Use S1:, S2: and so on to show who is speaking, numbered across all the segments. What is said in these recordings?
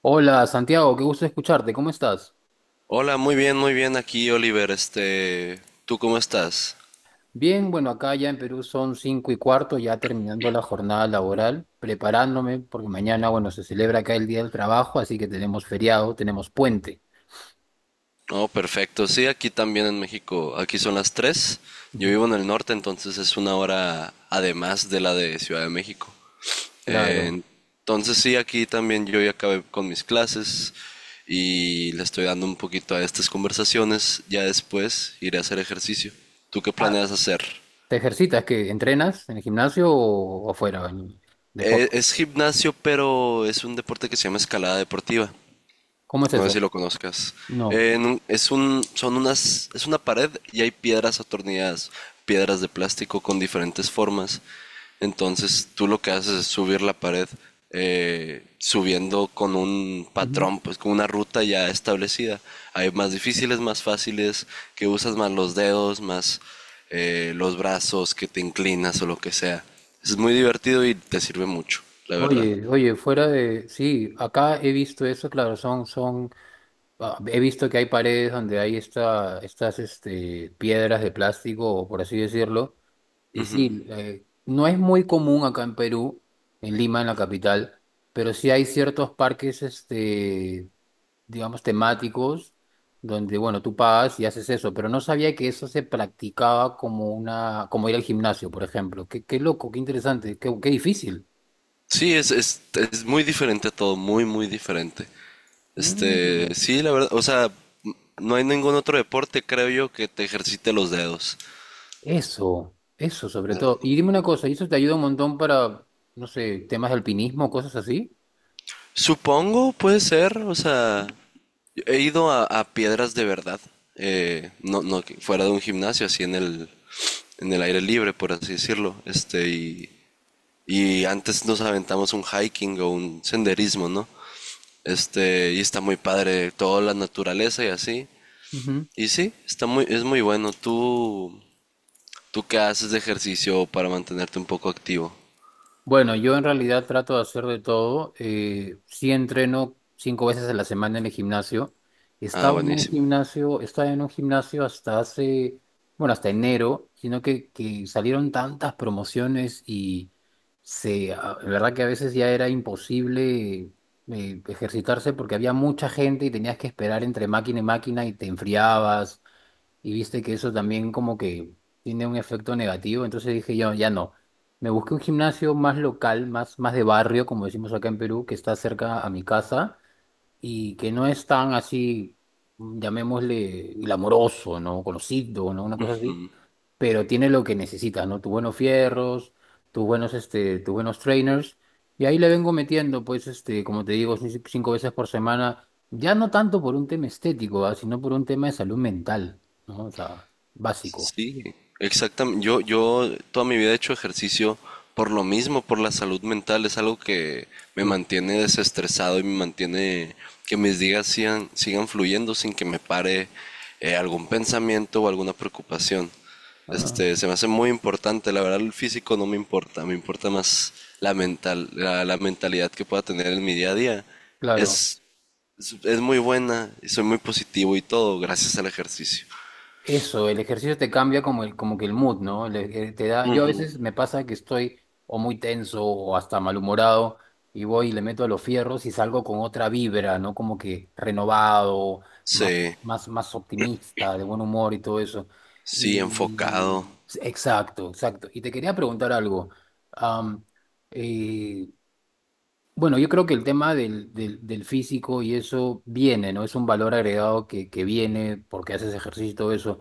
S1: Hola, Santiago, qué gusto escucharte, ¿cómo estás?
S2: Hola, muy bien aquí, Oliver. ¿Tú cómo estás?
S1: Bien, bueno, acá ya en Perú son cinco y cuarto, ya terminando la jornada laboral, preparándome, porque mañana, bueno, se celebra acá el Día del Trabajo, así que tenemos feriado, tenemos puente.
S2: No, perfecto. Sí, aquí también en México. Aquí son las 3. Yo
S1: Ujú.
S2: vivo en el norte, entonces es una hora además de la de Ciudad de México.
S1: Claro.
S2: Eh, entonces sí, aquí también yo ya acabé con mis clases y le estoy dando un poquito a estas conversaciones. Ya después iré a hacer ejercicio. ¿Tú qué
S1: Ah,
S2: planeas hacer?
S1: ¿Te ejercitas? ¿Qué? ¿Entrenas en el gimnasio o fuera, en deporte?
S2: Es gimnasio, pero es un deporte que se llama escalada deportiva.
S1: ¿Cómo es
S2: No sé si
S1: eso?
S2: lo conozcas.
S1: No.
S2: En es un, son unas, Es una pared y hay piedras atornilladas, piedras de plástico con diferentes formas. Entonces tú lo que haces es subir la pared, subiendo con un
S1: Ujú.
S2: patrón, pues con una ruta ya establecida. Hay más difíciles, más fáciles, que usas más los dedos, más los brazos, que te inclinas o lo que sea. Es muy divertido y te sirve mucho, la verdad.
S1: Oye, oye, fuera de... Sí, acá he visto eso, claro, son ah, he visto que hay paredes donde hay estas piedras de plástico, o por así decirlo, y sí, no es muy común acá en Perú, en Lima, en la capital, pero sí hay ciertos parques, este, digamos, temáticos, donde, bueno, tú pagas y haces eso, pero no sabía que eso se practicaba como una, como ir al gimnasio, por ejemplo. Qué loco, qué interesante, qué difícil.
S2: Sí, es, es, es muy diferente a todo, muy, muy diferente.
S1: Mm.
S2: Sí, la verdad, o sea, no hay ningún otro deporte, creo yo, que te ejercite los dedos.
S1: Eso sobre todo. Y dime una cosa, ¿y eso te ayuda un montón para, no sé, temas de alpinismo, cosas así?
S2: Supongo, puede ser, o sea, he ido a piedras de verdad, no, no que- fuera de un gimnasio, así en el aire libre, por así decirlo, y antes nos aventamos un hiking o un senderismo, ¿no? Y está muy padre, toda la naturaleza y así,
S1: Ujú.
S2: y sí, es muy bueno, tú, ¿tú qué haces de ejercicio para mantenerte un poco activo?
S1: Bueno, yo en realidad trato de hacer de todo. Sí, entreno cinco veces a la semana en el gimnasio.
S2: Ah, buenísimo.
S1: Estaba en un gimnasio hasta hace, bueno, hasta enero, sino que salieron tantas promociones y se, ah, en verdad que a veces ya era imposible ejercitarse porque había mucha gente y tenías que esperar entre máquina y máquina y te enfriabas y viste que eso también como que tiene un efecto negativo, entonces dije, ya, ya no. Me busqué un gimnasio más local, más de barrio, como decimos acá en Perú, que está cerca a mi casa y que no es tan así, llamémosle, glamoroso, ¿no? Conocido, ¿no? Una cosa así, pero tiene lo que necesitas, ¿no? Tus buenos fierros, tus buenos, este, tus buenos trainers. Y ahí le vengo metiendo, pues, este, como te digo, cinco veces por semana, ya no tanto por un tema estético, ah, sino por un tema de salud mental, ¿no? O sea, básico.
S2: Sí, exactamente. Yo toda mi vida he hecho ejercicio por lo mismo, por la salud mental. Es algo que me
S1: Sí.
S2: mantiene desestresado y me mantiene que mis días sigan fluyendo sin que me pare algún pensamiento o alguna preocupación.
S1: Ah,
S2: Se me hace muy importante. La verdad, el físico no me importa. Me importa más la mental, la mentalidad que pueda tener en mi día a día.
S1: claro.
S2: Es, es muy buena y soy muy positivo y todo gracias al ejercicio.
S1: Eso, el ejercicio te cambia como, el, como que el mood, ¿no? Te da, yo a veces me pasa que estoy o muy tenso o hasta malhumorado y voy y le meto a los fierros y salgo con otra vibra, ¿no? Como que renovado, más,
S2: Sí.
S1: más optimista, de buen humor y todo eso.
S2: Sí, enfocado,
S1: Y exacto, exacto. Y te quería preguntar algo. Am, eh, bueno, yo creo que el tema del físico y eso viene, ¿no? Es un valor agregado que viene porque haces ejercicio y todo eso.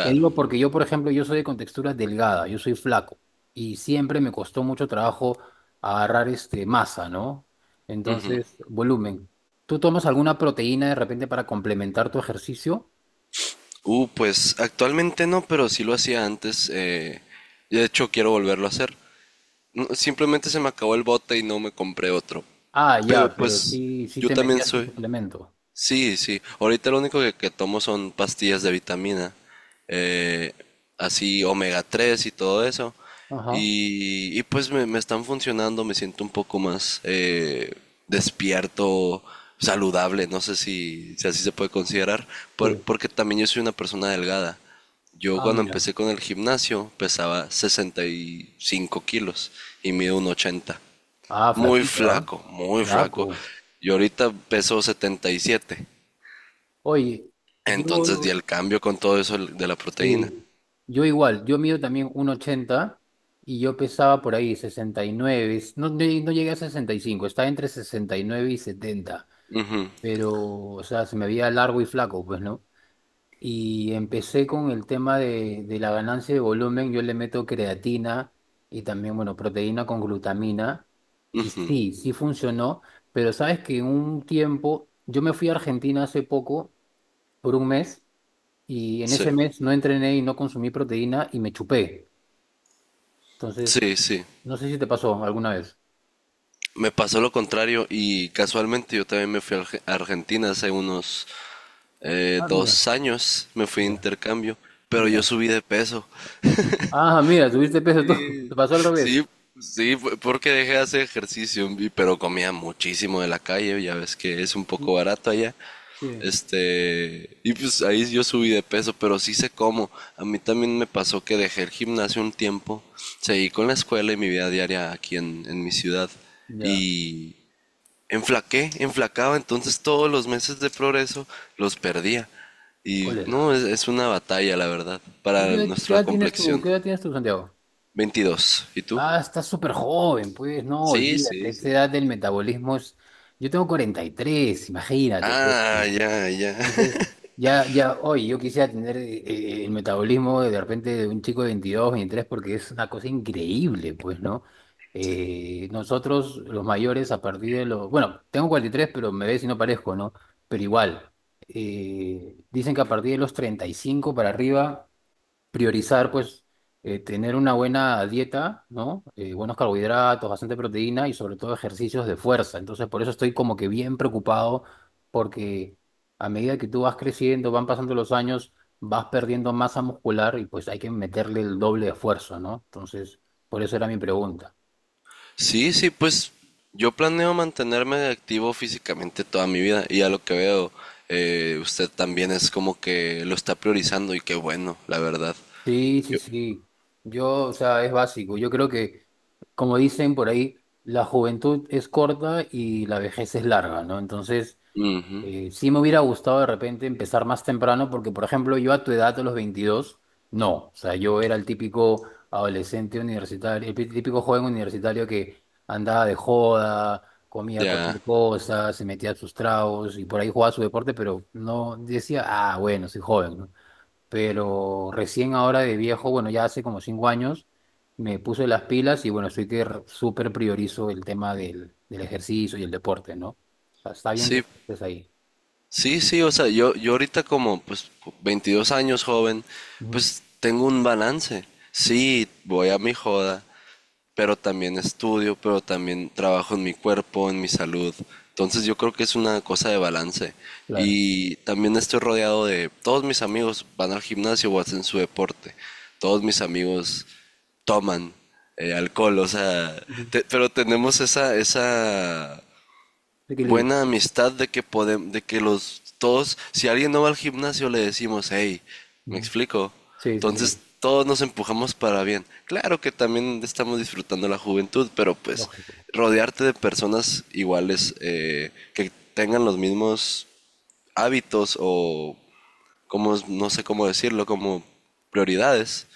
S1: Te digo porque yo, por ejemplo, yo soy de contextura delgada, yo soy flaco y siempre me costó mucho trabajo agarrar este masa, ¿no?
S2: Ujú.
S1: Entonces, volumen. ¿Tú tomas alguna proteína de repente para complementar tu ejercicio?
S2: Pues actualmente no, pero sí lo hacía antes. De hecho, quiero volverlo a hacer. No, simplemente se me acabó el bote y no me compré otro.
S1: Ah,
S2: Pero
S1: ya, pero
S2: pues
S1: sí, sí
S2: yo
S1: te
S2: también
S1: metías tu
S2: soy,
S1: suplemento.
S2: sí, sí. Ahorita lo único que tomo son pastillas de vitamina, eh, así omega 3 y todo eso.
S1: Ajá,
S2: Y pues me están funcionando, me siento un poco más despierto, saludable, no sé si así se puede considerar,
S1: sí.
S2: porque también yo soy una persona delgada. Yo
S1: Ah,
S2: cuando
S1: mira.
S2: empecé con el gimnasio pesaba 65 kilos y mido 1,80.
S1: Ah,
S2: Muy
S1: flaquito, ¿ah?
S2: flaco, muy flaco.
S1: Flaco.
S2: Y ahorita peso 77.
S1: Oye,
S2: Entonces di
S1: yo,
S2: el cambio con todo eso de la proteína.
S1: sí, yo igual, yo mido también 1,80 y yo pesaba por ahí 69, no llegué a 65. Estaba entre 69 y 70. Pero, o sea, se me veía largo y flaco, pues, ¿no? Y empecé con el tema de la ganancia de volumen, yo le meto creatina y también, bueno, proteína con glutamina, y sí, sí funcionó, pero sabes que un tiempo, yo me fui a Argentina hace poco, por 1 mes, y en
S2: Sí,
S1: ese mes no entrené y no consumí proteína y me chupé. Entonces,
S2: sí, sí.
S1: no sé si te pasó alguna vez.
S2: Me pasó lo contrario y casualmente yo también me fui a a Argentina hace unos
S1: Ah, mira,
S2: 2 años, me fui de
S1: ya,
S2: intercambio, pero yo
S1: ya.
S2: subí de peso.
S1: Ah, mira, subiste peso tú. Te
S2: Sí,
S1: pasó al revés.
S2: sí, sí, fue porque dejé de hacer ejercicio, pero comía muchísimo de la calle, ya ves que es un poco barato allá.
S1: Sí,
S2: Y pues ahí yo subí de peso, pero sí sé cómo. A mí también me pasó que dejé el gimnasio un tiempo, seguí con la escuela y mi vida diaria aquí en mi ciudad.
S1: ya.
S2: Y enflaqué, enflacaba, entonces todos los meses de progreso los perdía. Y
S1: Cólera.
S2: no, es una batalla, la verdad,
S1: ¿Tú
S2: para
S1: qué, qué
S2: nuestra
S1: edad tienes tú?
S2: complexión.
S1: ¿Qué edad tienes tú, Santiago?
S2: 22. ¿Y tú?
S1: Ah, estás súper joven, pues no,
S2: Sí,
S1: olvídate.
S2: sí,
S1: Esa
S2: sí.
S1: edad del metabolismo es... Yo tengo 43, imagínate, pues.
S2: Ah, ya, ya.
S1: Entonces, ya, ya hoy yo quisiera tener el metabolismo de repente de un chico de 22, 23 porque es una cosa increíble, pues, ¿no? Nosotros, los mayores, a partir de los... Bueno, tengo 43, pero me ves y no parezco, ¿no? Pero igual, dicen que a partir de los 35 para arriba priorizar, pues, tener una buena dieta, ¿no? Buenos carbohidratos, bastante proteína y sobre todo ejercicios de fuerza. Entonces, por eso estoy como que bien preocupado porque a medida que tú vas creciendo, van pasando los años, vas perdiendo masa muscular y pues hay que meterle el doble de esfuerzo, ¿no? Entonces, por eso era mi pregunta.
S2: Sí, sí, pues yo planeo mantenerme activo físicamente toda mi vida y a lo que veo, usted también es como que lo está priorizando y qué bueno, la verdad.
S1: Sí, sí,
S2: Yo-
S1: sí. Yo, o sea, es básico. Yo creo que, como dicen por ahí, la juventud es corta y la vejez es larga, ¿no? Entonces,
S2: mm,
S1: Sí me hubiera gustado de repente empezar más temprano porque, por ejemplo, yo a tu edad, a los 22, no. O sea, yo era el típico adolescente universitario, el típico joven universitario que andaba de joda, comía cualquier
S2: ya,
S1: cosa, se metía sus tragos y por ahí jugaba su deporte, pero no decía, ah, bueno, soy joven, ¿no? Pero recién ahora de viejo, bueno, ya hace como 5 años, me puse las pilas y bueno, estoy que súper priorizo el tema del ejercicio y el deporte, ¿no? O sea, está bien que
S2: sí,
S1: estés ahí.
S2: sí, sí, o sea, yo ahorita como pues 22 años joven,
S1: Ujú.
S2: pues tengo un balance. Sí, voy a mi joda, pero también estudio, pero también trabajo en mi cuerpo, en mi salud. Entonces yo creo que es una cosa de balance.
S1: Claro.
S2: Y también estoy rodeado de todos mis amigos van al gimnasio o hacen su deporte. Todos mis amigos toman alcohol, o sea,
S1: Ujú.
S2: pero tenemos esa
S1: Equilibrio.
S2: buena amistad de que podemos, de que los todos, si alguien no va al gimnasio, le decimos, hey, me
S1: Ujú.
S2: explico.
S1: Sí, sí,
S2: Entonces
S1: sí.
S2: todos nos empujamos para bien. Claro que también estamos disfrutando la juventud, pero pues
S1: Lógico.
S2: rodearte de personas iguales que tengan los mismos hábitos o como no sé cómo decirlo, como prioridades,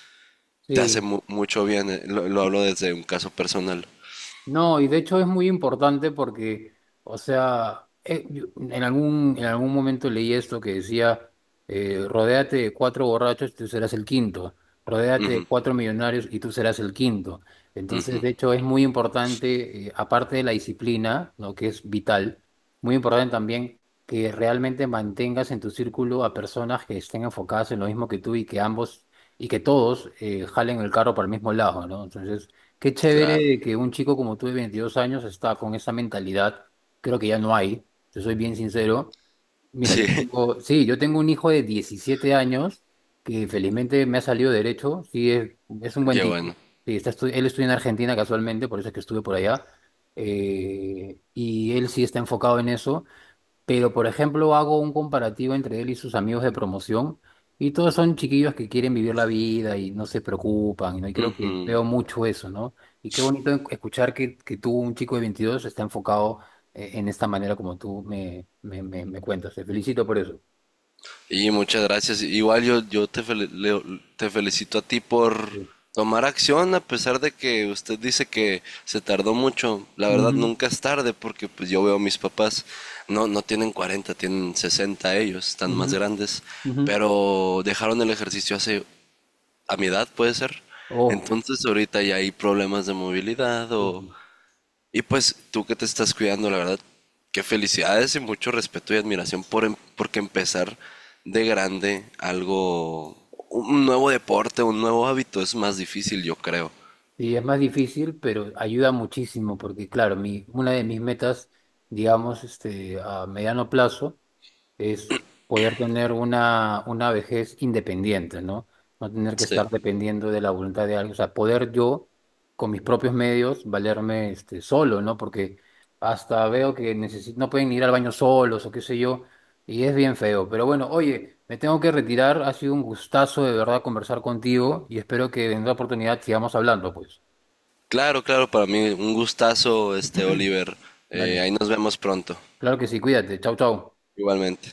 S2: te hace
S1: Sí,
S2: mucho bien. Lo hablo desde un caso personal.
S1: no, y de hecho es muy importante porque, o sea, en algún momento leí esto que decía, rodéate de 4 borrachos y tú serás el quinto, rodéate de 4 millonarios y tú serás el quinto. Entonces, de hecho, es muy importante, aparte de la disciplina, ¿no?, que es vital, muy importante también que realmente mantengas en tu círculo a personas que estén enfocadas en lo mismo que tú y que ambos, y que todos jalen el carro para el mismo lado, ¿no? Entonces... Qué
S2: Claro.
S1: chévere que un chico como tú de 22 años está con esa mentalidad. Creo que ya no hay, te soy bien sincero. Mira, yo
S2: Sí,
S1: tengo, sí, yo tengo un hijo de 17 años que felizmente me ha salido derecho. Sí, es un buen
S2: qué
S1: tipo.
S2: bueno.
S1: Sí, él estudia en Argentina casualmente, por eso es que estuve por allá. Y él sí está enfocado en eso. Pero, por ejemplo, hago un comparativo entre él y sus amigos de promoción y todos son chiquillos que quieren vivir la vida y no se preocupan, ¿no? Y creo
S2: Ujú.
S1: que veo mucho eso, ¿no? Y qué bonito escuchar que tú, un chico de 22, está enfocado en esta manera como tú me cuentas. Te felicito por eso.
S2: Y muchas gracias. Igual yo, yo te, fel- le- te felicito a ti por
S1: Sí.
S2: tomar acción a pesar de que usted dice que se tardó mucho. La verdad
S1: Ujú,
S2: nunca es tarde porque pues yo veo a mis papás, no tienen 40, tienen 60 ellos, están
S1: ujú,
S2: más grandes,
S1: ujú.
S2: pero dejaron el ejercicio hace, a mi edad puede ser.
S1: Oh,
S2: Entonces ahorita ya hay problemas de movilidad o,
S1: sí.
S2: y pues tú que te estás cuidando, la verdad, qué felicidades y mucho respeto y admiración por porque empezar de grande algo, un nuevo deporte, un nuevo hábito es más difícil, yo creo.
S1: Sí, es más difícil, pero ayuda muchísimo porque, claro, mi, una de mis metas, digamos, este, a mediano plazo, es poder tener una vejez independiente, ¿no? No tener que
S2: Sí.
S1: estar dependiendo de la voluntad de alguien, o sea, poder yo, con mis propios medios, valerme este, solo, ¿no? Porque hasta veo que no pueden ir al baño solos o qué sé yo, y es bien feo. Pero bueno, oye, me tengo que retirar, ha sido un gustazo de verdad conversar contigo y espero que en otra oportunidad sigamos hablando, pues.
S2: Claro, claro, para mí un gustazo, este Oliver.
S1: Dale,
S2: Ahí nos vemos pronto,
S1: claro que sí, cuídate, chau, chau.
S2: igualmente.